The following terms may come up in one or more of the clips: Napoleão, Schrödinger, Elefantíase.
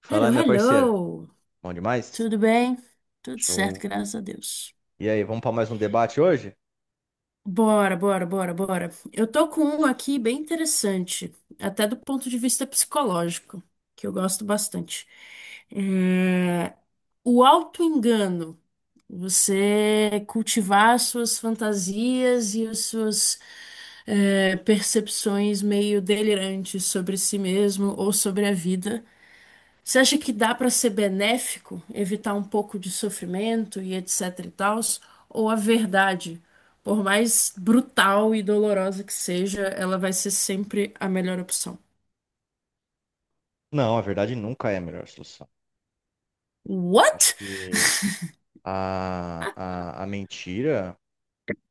Fala aí, Hello, minha parceira. hello! Bom demais? Tudo bem? Tudo certo, Show. graças a Deus. E aí, vamos para mais um debate hoje? Bora, bora, bora, bora. Eu tô com um aqui bem interessante, até do ponto de vista psicológico, que eu gosto bastante. É, O auto-engano. Você cultivar as suas fantasias e as suas percepções meio delirantes sobre si mesmo ou sobre a vida. Você acha que dá para ser benéfico, evitar um pouco de sofrimento e etc e tals, ou a verdade, por mais brutal e dolorosa que seja, ela vai ser sempre a melhor opção? Não, a verdade nunca é a melhor solução. Acho What? que a, a mentira,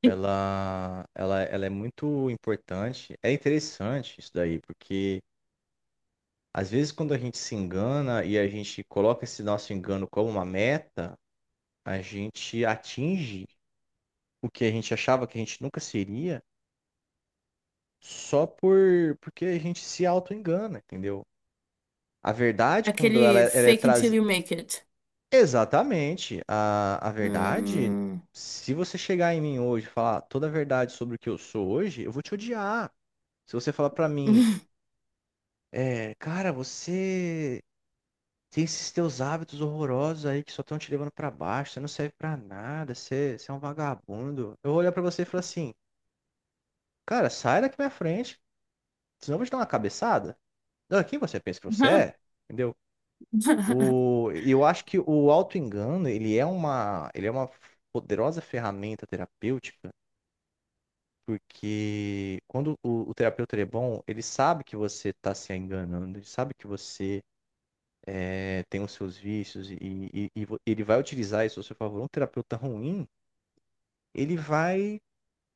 ela é muito importante. É interessante isso daí, porque às vezes quando a gente se engana e a gente coloca esse nosso engano como uma meta, a gente atinge o que a gente achava que a gente nunca seria só porque a gente se auto-engana, entendeu? A verdade, quando ela, Aquele ela é fake until trazida. you make it. Exatamente. A verdade, Hum. se você chegar em mim hoje e falar toda a verdade sobre o que eu sou hoje, eu vou te odiar. Se você falar pra mim, cara, você tem esses teus hábitos horrorosos aí que só estão te levando pra baixo, você não serve pra nada, você é um vagabundo. Eu vou olhar pra você e falar assim, cara, sai daqui da minha frente, senão eu vou te dar uma cabeçada. Não, quem você pensa que você é? Entendeu? O, eu acho que o autoengano, ele é uma poderosa ferramenta terapêutica, porque quando o terapeuta ele é bom, ele sabe que você está se enganando, ele sabe que você tem os seus vícios e ele vai utilizar isso a seu favor. Um terapeuta ruim, ele vai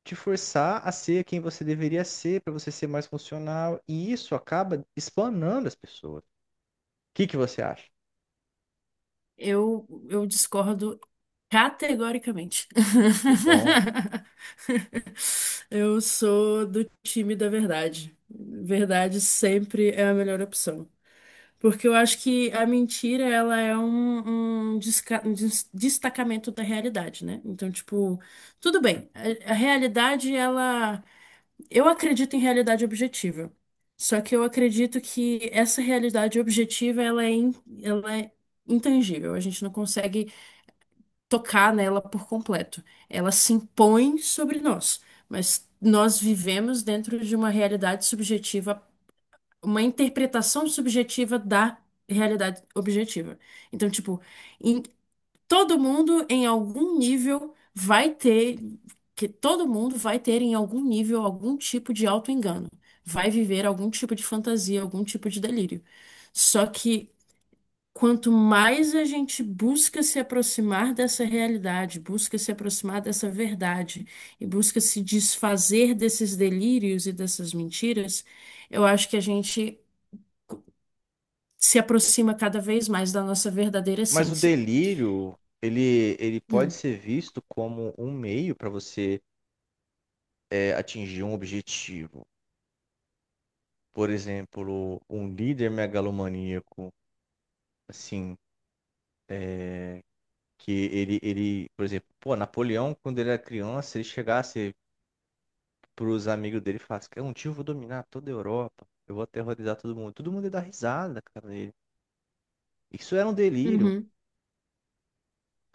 te forçar a ser quem você deveria ser, para você ser mais funcional, e isso acaba espanando as pessoas. O que que você acha? Eu discordo categoricamente. Que bom. Eu sou do time da verdade. Verdade sempre é a melhor opção. Porque eu acho que a mentira, ela é um destacamento da realidade, né? Então, tipo, tudo bem. A realidade, ela. Eu acredito em realidade objetiva. Só que eu acredito que essa realidade objetiva, ela é intangível. A gente não consegue tocar nela por completo. Ela se impõe sobre nós. Mas nós vivemos dentro de uma realidade subjetiva, uma interpretação subjetiva da realidade objetiva. Então, tipo, em- todo mundo em algum nível vai ter, que todo mundo vai ter em algum nível algum tipo de auto-engano, vai viver algum tipo de fantasia, algum tipo de delírio. Só que quanto mais a gente busca se aproximar dessa realidade, busca se aproximar dessa verdade e busca se desfazer desses delírios e dessas mentiras, eu acho que a gente se aproxima cada vez mais da nossa verdadeira Mas o essência. delírio, ele pode Hum. ser visto como um meio para você atingir um objetivo. Por exemplo, um líder megalomaníaco, assim, é, ele, por exemplo, pô, Napoleão, quando ele era criança, ele chegasse para os amigos dele e falasse, cara, um dia eu vou dominar toda a Europa, eu vou aterrorizar todo mundo. Todo mundo ia dar risada, cara, dele. Isso era um delírio. Uhum,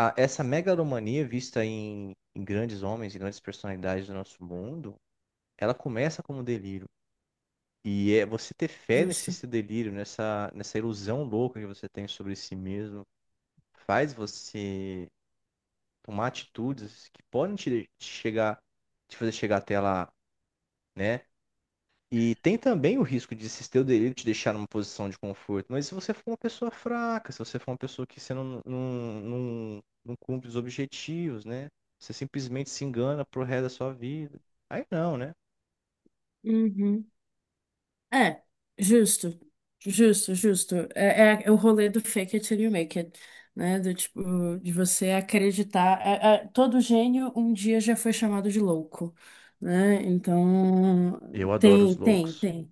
Essa megalomania vista em grandes homens e grandes personalidades do nosso mundo, ela começa como um delírio. E é você ter fé nesse justo. seu delírio, nessa ilusão louca que você tem sobre si mesmo, faz você tomar atitudes que podem te chegar, te fazer chegar até lá, né? E tem também o risco de esse teu delírio te deixar numa posição de conforto. Mas se você for uma pessoa fraca, se você for uma pessoa que você não cumpre os objetivos, né? Você simplesmente se engana pro resto da sua vida. Aí não, né? Uhum. É, justo. Justo, justo. É, é o rolê do fake it till you make it, né? Do tipo, de você acreditar. Todo gênio um dia já foi chamado de louco, né? Então, Eu adoro os tem, tem, loucos. tem.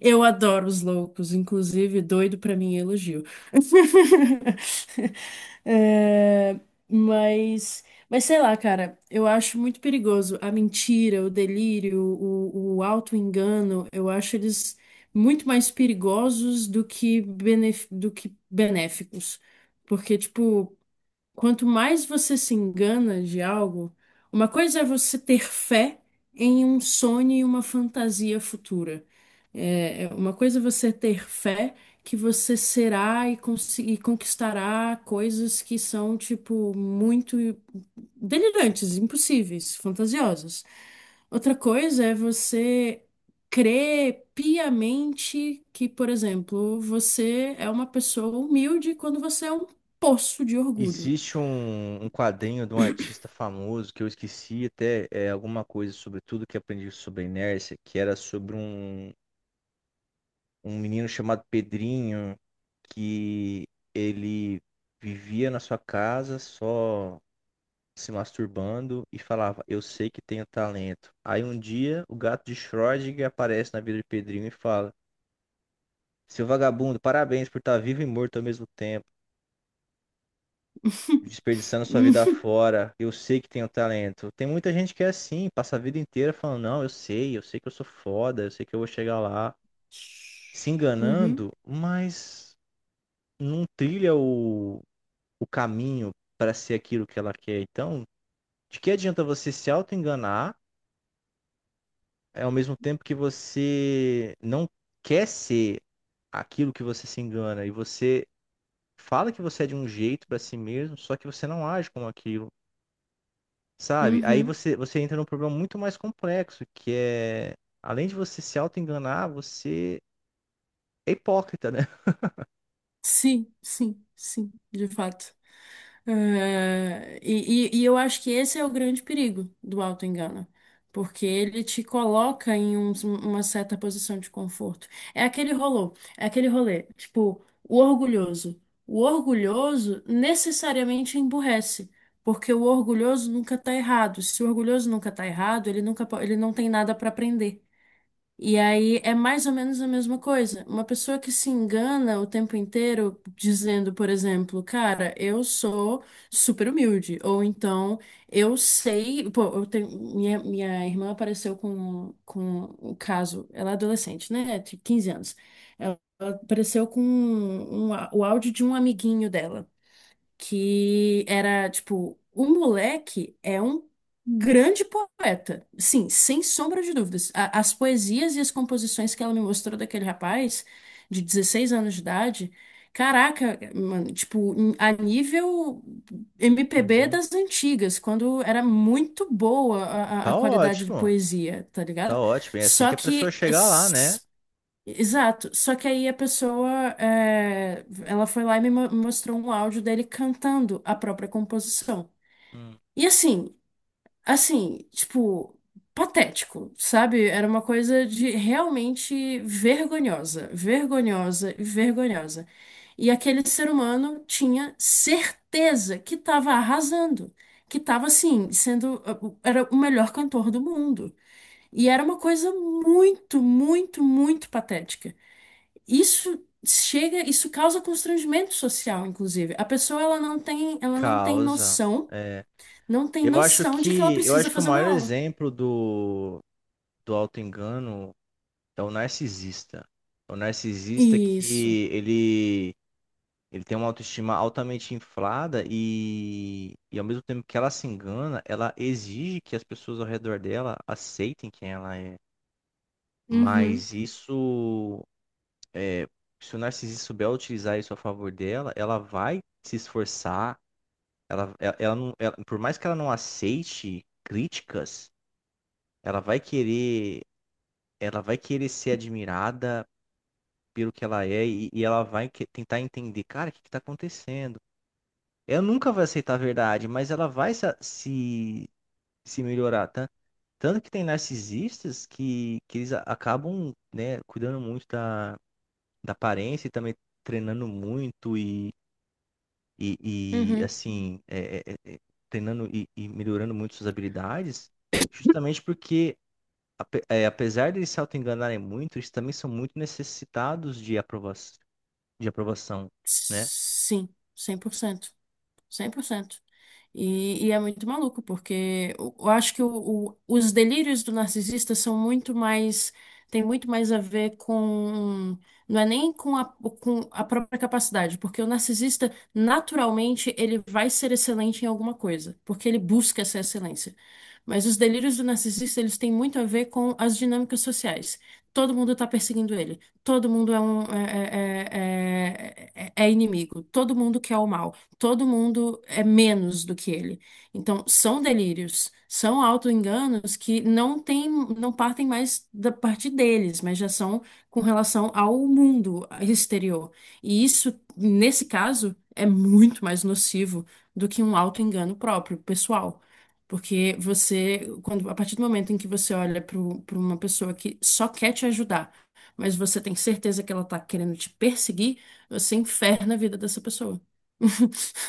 Eu adoro os loucos, inclusive, doido pra mim é elogio. É, mas, mas sei lá, cara, eu acho muito perigoso a mentira, o delírio, o auto-engano. Eu acho eles muito mais perigosos do que, benéficos. Porque, tipo, quanto mais você se engana de algo, uma coisa é você ter fé em um sonho e uma fantasia futura. Uma coisa é você ter fé que você será e conquistará coisas que são, tipo, muito delirantes, impossíveis, fantasiosas. Outra coisa é você crer piamente que, por exemplo, você é uma pessoa humilde quando você é um poço de orgulho. Existe um, um quadrinho de um artista famoso que eu esqueci até alguma coisa sobre tudo que aprendi sobre inércia, que era sobre um, um menino chamado Pedrinho, que ele vivia na sua casa só se masturbando e falava, eu sei que tenho talento. Aí um dia o gato de Schrödinger aparece na vida de Pedrinho e fala, seu vagabundo, parabéns por estar vivo e morto ao mesmo tempo, desperdiçando sua vida Hum. fora. Eu sei que tenho talento. Tem muita gente que é assim, passa a vida inteira falando, não, eu sei que eu sou foda, eu sei que eu vou chegar lá, se Uhum, enganando, mas não trilha o caminho para ser aquilo que ela quer. Então, de que adianta você se auto-enganar, ao mesmo tempo que você não quer ser aquilo que você se engana e você fala que você é de um jeito para si mesmo, só que você não age como aquilo. Sabe? Aí uhum. Você entra num problema muito mais complexo, que é, além de você se auto-enganar, você é hipócrita, né? Sim, sim, sim, de fato. Eu acho que esse é o grande perigo do autoengano, porque ele te coloca em uma certa posição de conforto. É aquele rolô, é aquele rolê, tipo, o orgulhoso. O orgulhoso necessariamente emburrece, porque o orgulhoso nunca tá errado. Se o orgulhoso nunca tá errado, ele nunca, po- ele não tem nada para aprender. E aí é mais ou menos a mesma coisa. Uma pessoa que se engana o tempo inteiro dizendo, por exemplo, cara, eu sou super humilde, ou então eu sei, pô, eu tenho- minha irmã apareceu com o caso, ela é adolescente, né? Tipo 15 anos. Ela apareceu com o áudio de um amiguinho dela que era tipo, o moleque é um grande poeta. Sim, sem sombra de dúvidas. As poesias e as composições que ela me mostrou daquele rapaz de 16 anos de idade, caraca, mano, tipo, a nível MPB Uhum. das antigas, quando era muito boa a Tá qualidade de ótimo, poesia, tá tá ligado? ótimo. É assim Só que a pessoa que. chegar lá, né? Exato, só que aí a pessoa, é, ela foi lá e me mostrou um áudio dele cantando a própria composição. Hum. E assim, assim, tipo, patético, sabe? Era uma coisa de realmente vergonhosa, vergonhosa e vergonhosa. E aquele ser humano tinha certeza que estava arrasando, que estava assim, sendo, era o melhor cantor do mundo. E era uma coisa muito, muito, muito patética, isso chega, isso causa constrangimento social, inclusive. A pessoa ela não tem Causa. noção, É. não tem noção de que ela eu precisa acho que o fazer uma maior aula. exemplo do, do auto-engano é o narcisista. É o narcisista Isso. que ele tem uma autoestima altamente inflada e ao mesmo tempo que ela se engana, ela exige que as pessoas ao redor dela aceitem quem ela é. Uhum, Mas isso, é, se o narcisista souber utilizar isso a favor dela, ela vai se esforçar. Ela não, ela- Por mais que ela não aceite críticas, ela vai querer, ela vai querer ser admirada pelo que ela é e ela tentar entender, cara, o que está acontecendo? Ela nunca vai aceitar a verdade, mas ela vai se, se, se melhorar, tá? Tanto que tem narcisistas que eles acabam, né, cuidando muito da, da aparência e também treinando muito uhum. assim, treinando e melhorando muito suas habilidades, justamente porque, apesar de eles se auto-enganarem muito, eles também são muito necessitados de aprovação, né? Sim, cem por cento, 100%. E é muito maluco, porque eu acho que os delírios do narcisista são muito mais, tem muito mais a ver com, não é nem com com a própria capacidade, porque o narcisista, naturalmente, ele vai ser excelente em alguma coisa, porque ele busca essa excelência. Mas os delírios do narcisista, eles têm muito a ver com as dinâmicas sociais. Todo mundo está perseguindo ele, todo mundo é um, inimigo, todo mundo quer o mal, todo mundo é menos do que ele. Então, são delírios, são autoenganos que não tem, não partem mais da parte deles, mas já são com relação ao mundo exterior. E isso, nesse caso, é muito mais nocivo do que um autoengano próprio, pessoal. Porque você, quando, a partir do momento em que você olha para uma pessoa que só quer te ajudar, mas você tem certeza que ela está querendo te perseguir, você inferna a vida dessa pessoa.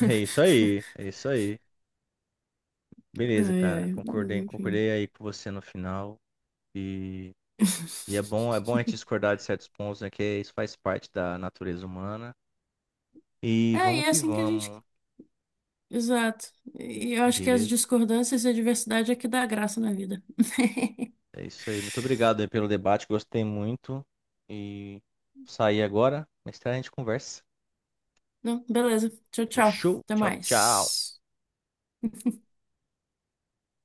É isso aí, é isso aí. Beleza, Ai, cara. ai, mas Concordei, enfim. concordei aí com você no final. E, é bom a gente discordar de certos pontos, né? Que é, isso faz parte da natureza humana. E É, e vamos é que assim que a gente. vamos. Exato. E eu acho que as Beleza? discordâncias e a diversidade é que dá graça na vida. É isso aí. Muito obrigado aí pelo debate, gostei muito. E sair agora, mais tarde a gente conversa. Não, beleza. Tchau, tchau. Show. Até Tchau, tchau. mais.